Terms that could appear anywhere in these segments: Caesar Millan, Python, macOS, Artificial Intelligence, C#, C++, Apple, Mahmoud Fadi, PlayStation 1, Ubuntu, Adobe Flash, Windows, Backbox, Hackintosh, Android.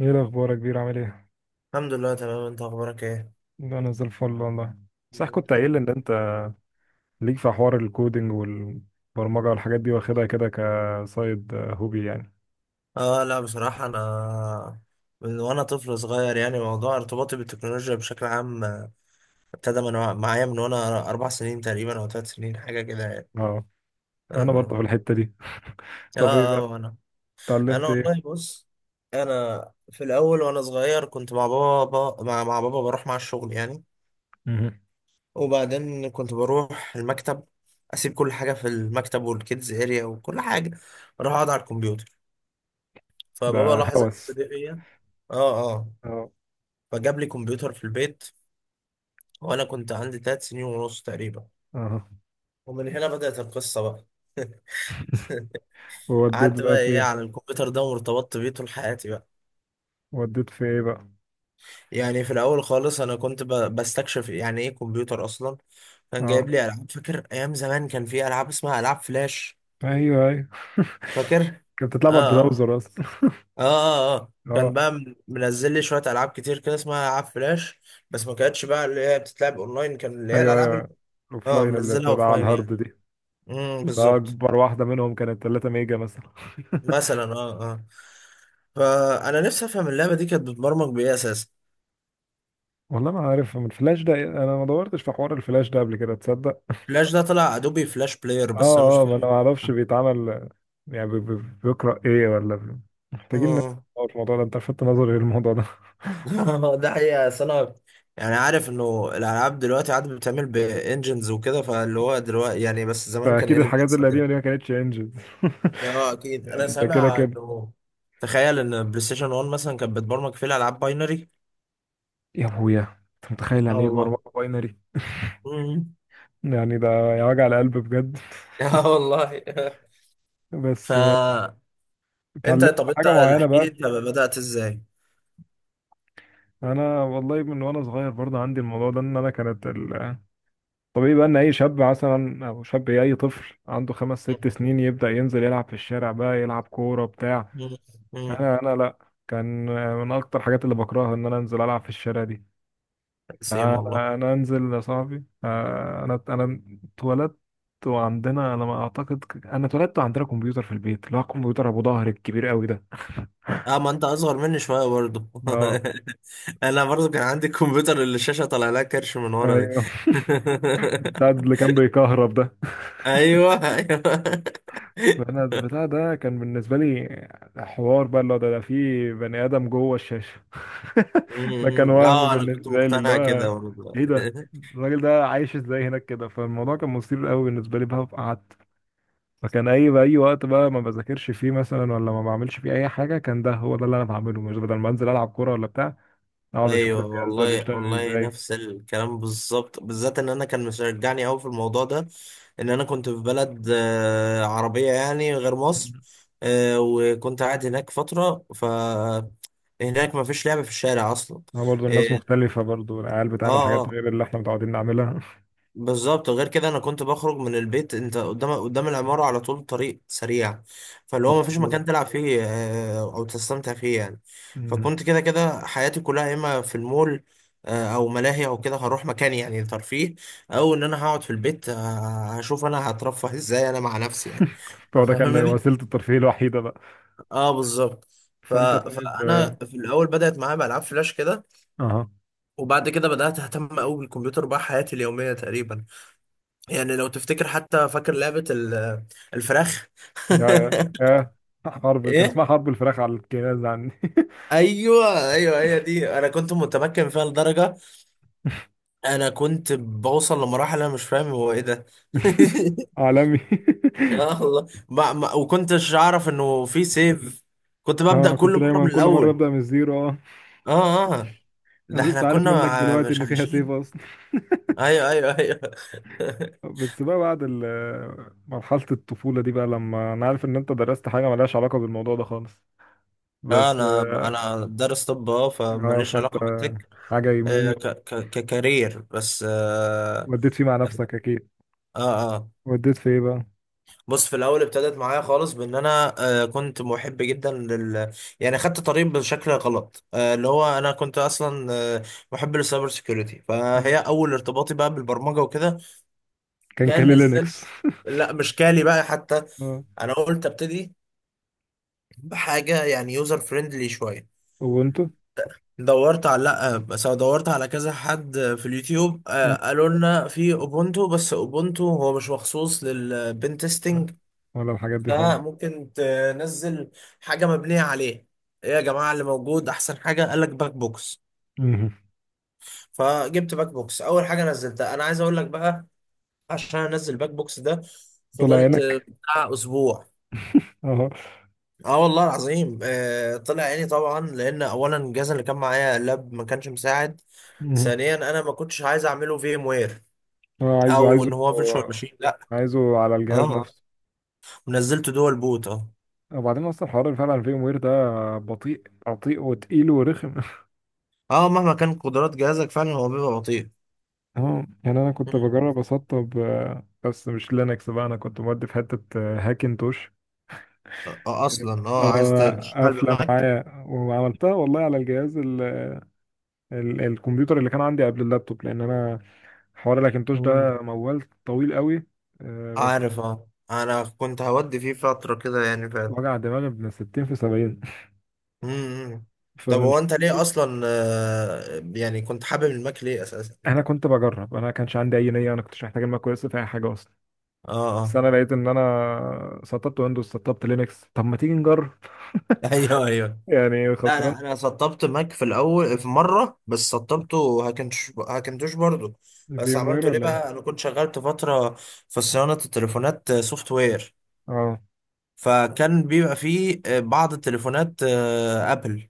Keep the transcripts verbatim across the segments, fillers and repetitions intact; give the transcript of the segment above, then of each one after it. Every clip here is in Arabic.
ايه الاخبار يا كبير، عامل ايه؟ الحمد لله، تمام. انت اخبارك ايه؟ انا زي الفل والله. صح، كنت الحمد قايل لي لله. ان انت ليك في حوار الكودينج والبرمجه والحاجات دي، واخدها كده كسايد هوبي يعني. اه لا بصراحة انا من وانا طفل صغير يعني موضوع ارتباطي بالتكنولوجيا بشكل عام، آه، ابتدى من وع- معايا من وانا اربع سنين تقريبا او ثلاث سنين حاجة كده يعني. اه. اه انا برضه اه. في الحته دي. اه طب ايه اه، بقى، وانا انا اتعلمت ايه؟ والله بص. انا في الاول وانا صغير كنت مع بابا مع, مع بابا، بروح مع الشغل يعني. مهم. وبعدين كنت بروح المكتب، اسيب كل حاجة في المكتب والكيدز اريا وكل حاجة، اروح اقعد على الكمبيوتر. فبابا ده لاحظ الحته هوس. دي فيا. اه اه. اه فجاب لي كمبيوتر في البيت وانا كنت عندي تلات سنين ونص تقريبا، اه. ومن هنا بدأت القصة بقى. ووديت قعدت بقى بقى في ايه ايه؟ على الكمبيوتر ده وارتبطت بيه طول حياتي بقى. وديت في ايه بقى؟ يعني في الاول خالص انا كنت ب- بستكشف يعني ايه كمبيوتر اصلا. كان اه، جايب لي العاب. فاكر ايام زمان كان في العاب اسمها العاب فلاش، ايوه ايوه. فاكر؟ كانت بتلعب على اه اه. البراوزر اصلا. اه اه, آه. اه، كان بقى من- منزل لي شويه العاب كتير كده اسمها العاب فلاش، بس ما كانتش بقى اللي هي بتتلعب اونلاين، كان اللي هي ايوه الالعاب. ايوه. اه، الاوفلاين اللي منزلها بتبقى على اوفلاين الهارد يعني. دي. امم ده بالظبط. اكبر واحده منهم كانت 3 ميجا مثلا. مثلا، اه اه. فانا نفسي افهم اللعبه دي كانت بتبرمج بايه اساسا. والله ما عارف، من الفلاش ده انا ما دورتش في حوار الفلاش ده قبل كده، تصدق. فلاش ده طلع ادوبي فلاش بلاير، بس انا مش اه اه، ما انا فاهم. ما اعرفش بيتعمل. يعني بي- بي- بيقرا ايه ولا بي- محتاجين اه ندور في الموضوع ده، انت لفتت نظري للموضوع ده. ده حقيقه. أصل انا يعني عارف انه الالعاب دلوقتي عاد بتعمل بانجنز وكده، فاللي هو دلوقتي يعني، بس زمان كان ايه فاكيد اللي الحاجات بيحصل القديمه ده؟ دي ما كانتش انجز. اه اكيد، انا يعني ده كده سامع كده. انه تخيل ان بلاي ستيشن واحد مثلا كانت بتبرمج فيه الالعاب باينري. يا ابويا، انت متخيل اه يعني ايه والله. برمجه باينري؟ امم. يعني ده، يا وجع القلب بجد. اه والله. ف بس. انت، اتعلمت طب انت حاجه معينه احكي لي بقى؟ انت بدأت ازاي؟ انا والله من وانا صغير برضه عندي الموضوع ده، ان انا كانت ال- طبيعي بقى ان اي شاب مثلا او شاب إيه، اي طفل عنده خمس ست سنين يبدأ ينزل يلعب في الشارع بقى، يلعب كورة بتاع. مم. مم. انا انا لا. كان من اكتر الحاجات اللي بكرهها ان انا انزل العب في الشارع دي. سيم والله. فانا أنا انزل يا صاحبي، آه، انا انا اتولدت. وعندنا، انا ما اعتقد انا اتولدت وعندنا كمبيوتر في البيت، اللي هو الكمبيوتر ابو ظهر الكبير قوي ده. اه، ما انت اصغر مني شويه برضه. اه، انا برضه كان عندي الكمبيوتر اللي الشاشه طالع لها كرش من ورا دي. ايوه. بتاع اللي كان بيكهرب ده. ايوه ايوه. انا البتاع ده كان بالنسبه لي حوار بقى، اللي هو ده ده في بني ادم جوه الشاشه. ده كان مم. وهم اه انا كنت بالنسبه لي، اللي مقتنع كده هو برضه. ايه ده، الراجل ده عايش ازاي هناك كده. فالموضوع كان مثير قوي بالنسبه لي بقى، فقعدت. فكان اي بقى اي وقت بقى ما بذاكرش فيه مثلا، ولا ما بعملش فيه اي حاجه، كان ده هو ده اللي انا بعمله. مش بدل ما انزل العب كوره ولا بتاع، اقعد اشوف ايوه الجهاز ده والله، بيشتغل والله ازاي. نفس الكلام بالظبط، بالذات ان انا كان مشجعني قوي في الموضوع ده ان انا كنت في بلد آه، عربيه يعني غير مصر. آه، وكنت قاعد هناك فتره. ف هناك ما فيش لعب في الشارع اصلا. هو برضه الناس اه مختلفه، برضه العيال اه بتعمل حاجات آه. غير اللي احنا متعودين نعملها. بالظبط. غير كده انا كنت بخرج من البيت، انت قدام قدام العمارة على طول طريق سريع، فاللي هو مفيش فبرضه مكان تلعب فيه آه، او تستمتع فيه يعني. فكنت كده كده حياتي كلها يا اما في المول آه، او ملاهي او كده، هروح مكان يعني ترفيه، او ان انا هقعد في البيت آه، هشوف انا هترفه ازاي انا مع نفسي يعني. فهو ده كان فاهمني. وسيلة الترفيه الوحيدة بقى. اه بالظبط. ف... فأنت طيب فانا آه، في الاول بدأت معايا بألعاب فلاش كده، أها. وبعد كده بدأت اهتم قوي بالكمبيوتر، بقى حياتي اليومية تقريبا. يعني لو تفتكر حتى، فاكر لعبة ال- الفراخ؟ يا يا حرب، كان ايه؟ اسمها حرب الفراخ على الجهاز عندي. ايوه ايوه، هي دي. انا كنت متمكن فيها لدرجة انا كنت بوصل لمراحل انا مش فاهم هو ايه ده. عالمي. اه والله. ما ما وكنتش اعرف انه في سيف، كنت ببدأ أنا كل كنت مرة دايما من كل مرة الاول. أبدأ من الزيرو، أه. اه اه. ده أنا احنا لسه عارف كنا منك مع- دلوقتي مش إن فيها سيف عايشين. أصلا. ايوه ايوه ايوه. بس بقى بعد ال- مرحلة الطفولة دي، بقى لما أنا عارف إن أنت درست حاجة ملهاش علاقة بالموضوع ده خالص، آه، بس انا آه انا دارس طب، اه، آه، فماليش فأنت علاقة بالتك، حاجة آه، يمين، ك ك ككارير بس. آه وديت فيه مع نفسك أكيد. اه اه. وديت في إيه بقى؟ بص، في الاول ابتدت معايا خالص بان انا آه كنت محب جدا لل يعني خدت طريق بشكل غلط، آه اللي هو انا كنت اصلا آه محب للسايبر سيكيورتي، فهي ماشي. اول ارتباطي بقى بالبرمجه وكده. كان كان كان نزلت، لينكس. لا مش كالي بقى حتى. اه. انا قلت ابتدي بحاجه يعني يوزر فريندلي شويه. وانتوا دورت على لا، بس أنا دورت على كذا حد في اليوتيوب آه، قالوا لنا في اوبونتو، بس اوبونتو هو مش مخصوص للبن تيستنج، ولا الحاجات دي خالص. فممكن تنزل حاجه مبنيه عليه. ايه يا جماعه اللي موجود احسن حاجه؟ قال لك باك بوكس. مهم. فجبت باك بوكس اول حاجه نزلتها. انا عايز اقول لك بقى، عشان انزل باك بوكس ده طلع فضلت عينك. بتاع اسبوع. اه. اه والله العظيم، آه طلع عيني طبعا لان اولا الجهاز اللي كان معايا لاب ما كانش مساعد، مهم. ثانيا انا ما كنتش عايز اعمله في ام وير هو عايزه او عايزه، ان هو فيرتشوال ماشين، لا. عايزه على الجهاز اه، نفسه. ونزلت دول بوت. اه وبعدين اصلا الحوار اللي فعلا فيه وير ده بطيء بطيء وتقيل ورخم. اه، مهما كان قدرات جهازك فعلا هو بيبقى بطيء. اه، يعني انا كنت مم. بجرب اسطب، آه، بس مش لينكس بقى، انا كنت مودي في حته آه، هاكنتوش. آه اصلا اه عايز اه، تشتغل قافله بماك. معايا وعملتها والله على الجهاز ال ال الكمبيوتر اللي كان عندي قبل اللابتوب، لان انا حوار الاكنتوش مم. ده موال طويل قوي، آه، بس عارف، اه انا كنت هودي فيه فترة كده يعني فعلا. وجع دماغي من ستين في سبعين. مم. طب فمن هو انت ليه شدته اصلا، آه يعني كنت حابب الماك ليه اساسا؟ انا كنت بجرب، انا ما كانش عندي اي نيه، انا كنتش محتاج الماك كويس في اي حاجه اصلا. اه بس اه. انا لقيت ان انا سطبت ويندوز، سطبت لينكس، طب ما تيجي نجرب. ايوه ايوه. يعني لا خسران. لا، انا سطبت ماك في الاول في مره، بس سطبته هاكنتوش، هاكنتوش برضو. في بس ام وير عملته ليه ولا ايه؟ بقى؟ انا كنت شغلت فتره في صيانه التليفونات سوفت وير، اه، فكان بيبقى فيه آه، بعض التليفونات آه، ابل،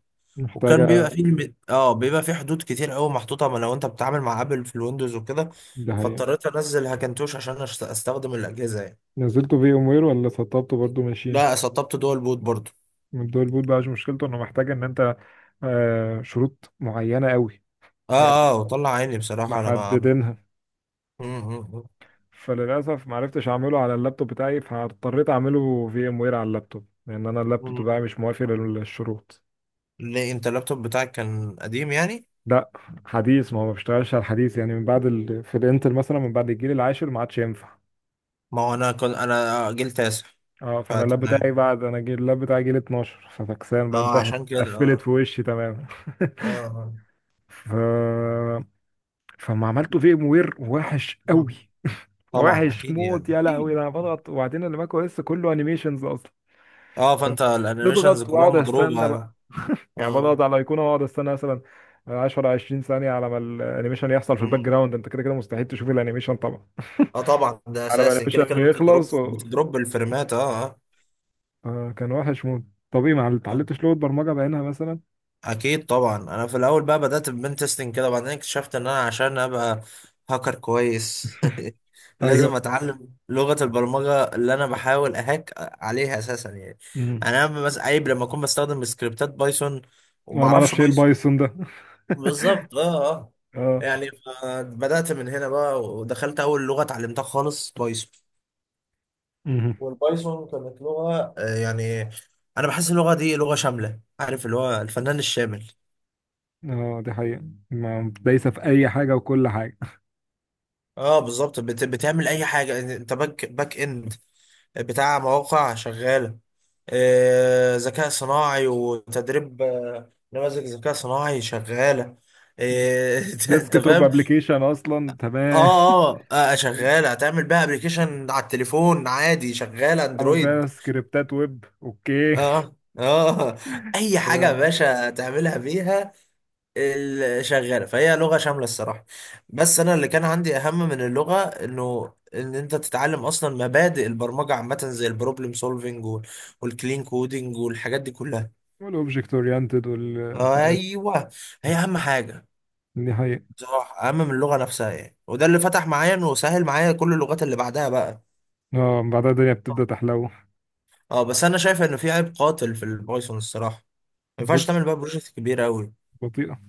وكان بيبقى محتاجه. فيه الم- اه بيبقى فيه حدود كتير قوي محطوطه، ما لو انت بتتعامل مع ابل في الويندوز وكده. ده هي. فاضطريت انزل هاكنتوش عشان أشت- استخدم الاجهزه يعني. نزلته في ام وير ولا سطبته برضو ماشين؟ لا، سطبت دول بوت برضو. من دول بوت بقى، مش مشكلته انه محتاج ان انت، آه، شروط معينه قوي اه اه، يعني وطلع عيني بصراحه انا. محددينها. ما فللاسف ما عرفتش اعمله على اللابتوب بتاعي، فاضطريت اعمله في ام وير على اللابتوب، لان انا اللابتوب بتاعي مش موافق للشروط. ليه انت اللابتوب بتاعك كان قديم يعني؟ لا، حديث. ما هو ما بيشتغلش على الحديث، يعني من بعد ال... في الانتل مثلا من بعد الجيل العاشر ما عادش ينفع. ما هو انا كنت انا جيل تاسع. اه، فانا اللاب فتمام، بتاعي بعد انا جيل اللاب بتاعي جيل اتناشر، ففكسان بقى اه انتهت. عشان كده، قفلت اه في وشي تماما. اه آه. ف... فما عملته في ام وير وحش مم. قوي. طبعا، وحش اكيد موت يعني، يا لهوي، اكيد ده انا أكيد. بضغط وبعدين الماك او اس كله انيميشنز اصلا. اه، فانت الانيميشنز بضغط كلها واقعد مضروبه، استنى، اه. يعني بضغط على الايقونه واقعد استنى مثلا عشرة عشرين ثانيه على ما الانيميشن يحصل في الباك مم. جراوند. انت كده كده مستحيل تشوف الانيميشن طبعا. اه طبعا، ده على ما اساسي كده الانيميشن كده، بتضرب يخلص و... بتضرب الفريمات اه. آه كان وحش موت. طب ايه، ما اه اتعلمتش لغه برمجه بعينها مثلا؟ اكيد طبعا. انا في الاول بقى بدات ببن تيستنج كده، وبعدين اكتشفت ان انا عشان ابقى هاكر كويس لازم ايوه. اتعلم لغه البرمجه اللي انا بحاول اهاك عليها اساسا يعني. امم يعني انا، بس عيب لما اكون بستخدم سكريبتات بايثون وما وانا ما اعرفش اعرفش ايه بايثون. البايثون ده. بالظبط اه اه. اه، يعني ف- بدات من هنا بقى، ودخلت اول لغه اتعلمتها خالص بايثون. امم والبايثون كانت لغه آه، يعني انا بحس اللغه دي لغه شامله، عارف اللي هو الفنان الشامل. اه، دي حقيقه، ما دايسه في اي حاجه وكل حاجه. اه بالظبط، بت... بتعمل اي حاجه انت، باك باك اند بتاع مواقع شغاله، آه، ذكاء صناعي وتدريب، آه، نماذج ذكاء صناعي شغاله، آه، انت، أنت ديسك توب فاهم. ابلكيشن اصلا، تمام. اه اه، آه، شغاله هتعمل بيها ابلكيشن على التليفون عادي، شغاله تعمل اندرويد. بيها سكريبتات ويب، اوكي. اه اه. اي حاجه يا باشا تعملها بيها. ال- شغاله، فهي لغه شامله الصراحه. بس انا اللي كان عندي اهم من اللغه انه ان انت تتعلم اصلا مبادئ البرمجه عامه، زي البروبلم سولفنج والكلين كودنج والحاجات دي كلها. والاوبجكت اورينتد والحاجات، ايوه، هي اهم حاجه دي حقيقه. بصراحه، اهم من اللغه نفسها يعني، وده اللي فتح معايا انه سهل معايا كل اللغات اللي بعدها بقى. اه، من بعدها الدنيا بتبدأ تحلو. اه، بس انا شايف انه في عيب قاتل في البايثون الصراحه، ما ينفعش بطء، تعمل بقى بروجكت كبير قوي. بطيئة.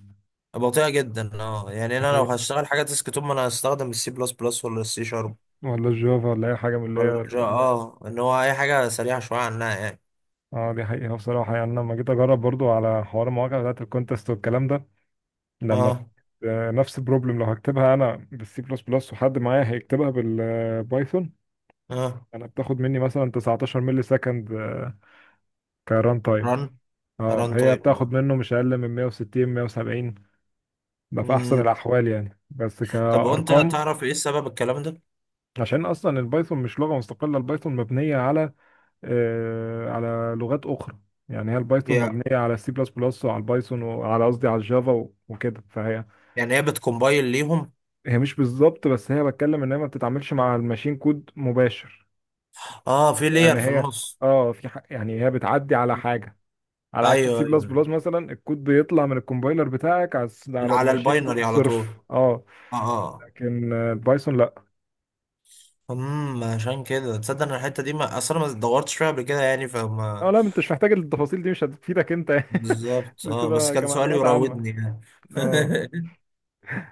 بطيئه جدا اه، يعني ده انا لو حقيقة. هشتغل حاجه ديسك توب ما انا هستخدم السي بلس بلس ولا السي شارب ولا الجافا، ولا أي حاجة من اللي هي الورجا، ال- اه، ان هو اي حاجه سريعه شويه عنها يعني. اه، دي حقيقة بصراحة. يعني أنا لما جيت أجرب برضو على حوار المواقع بتاعت الكونتست والكلام ده، لما اه آه، نفس البروبلم، لو هكتبها أنا بالسي بلس بلس وحد معايا هيكتبها بالبايثون، اه. أنا بتاخد مني مثلا تسعتاشر ملي سكند، آه، كران تايم. رن اه، ران هي تايم اه. بتاخد منه مش أقل من مئة وستين مئة وسبعين. ده في أحسن مم. الأحوال يعني، بس طب وانت كأرقام. تعرف ايه السبب الكلام ده؟ عشان أصلا البايثون مش لغة مستقلة، البايثون مبنية على، آه، على لغات اخرى. يعني هي البايثون مم. هي مبنيه على السي بلس بلس وعلى البايثون وعلى قصدي على الجافا و- وكده. فهي يعني هي بتكومبايل ليهم. هي مش بالظبط، بس هي بتكلم ان هي ما بتتعاملش مع الماشين كود مباشر. اه، في يعني لير في هي النص. اه في ح... يعني هي بتعدي على حاجه، على عكس ايوه السي، أيوة، بلس ايوه، بلس مثلا. الكود بيطلع من الكومبايلر بتاعك على الس- على على الماشين الباينري كود على طول. صرف، اه. اه اه. لكن آه، البايثون لا. امم عشان كده تصدق ان الحته دي ما اصلا ما دورتش فيها قبل كده يعني، اه، فما لا انت مش محتاج التفاصيل دي، مش هتفيدك انت. بالظبط. اه، بس بتبقى كان سؤالي كمعلومات عامه. يراودني اه. يعني.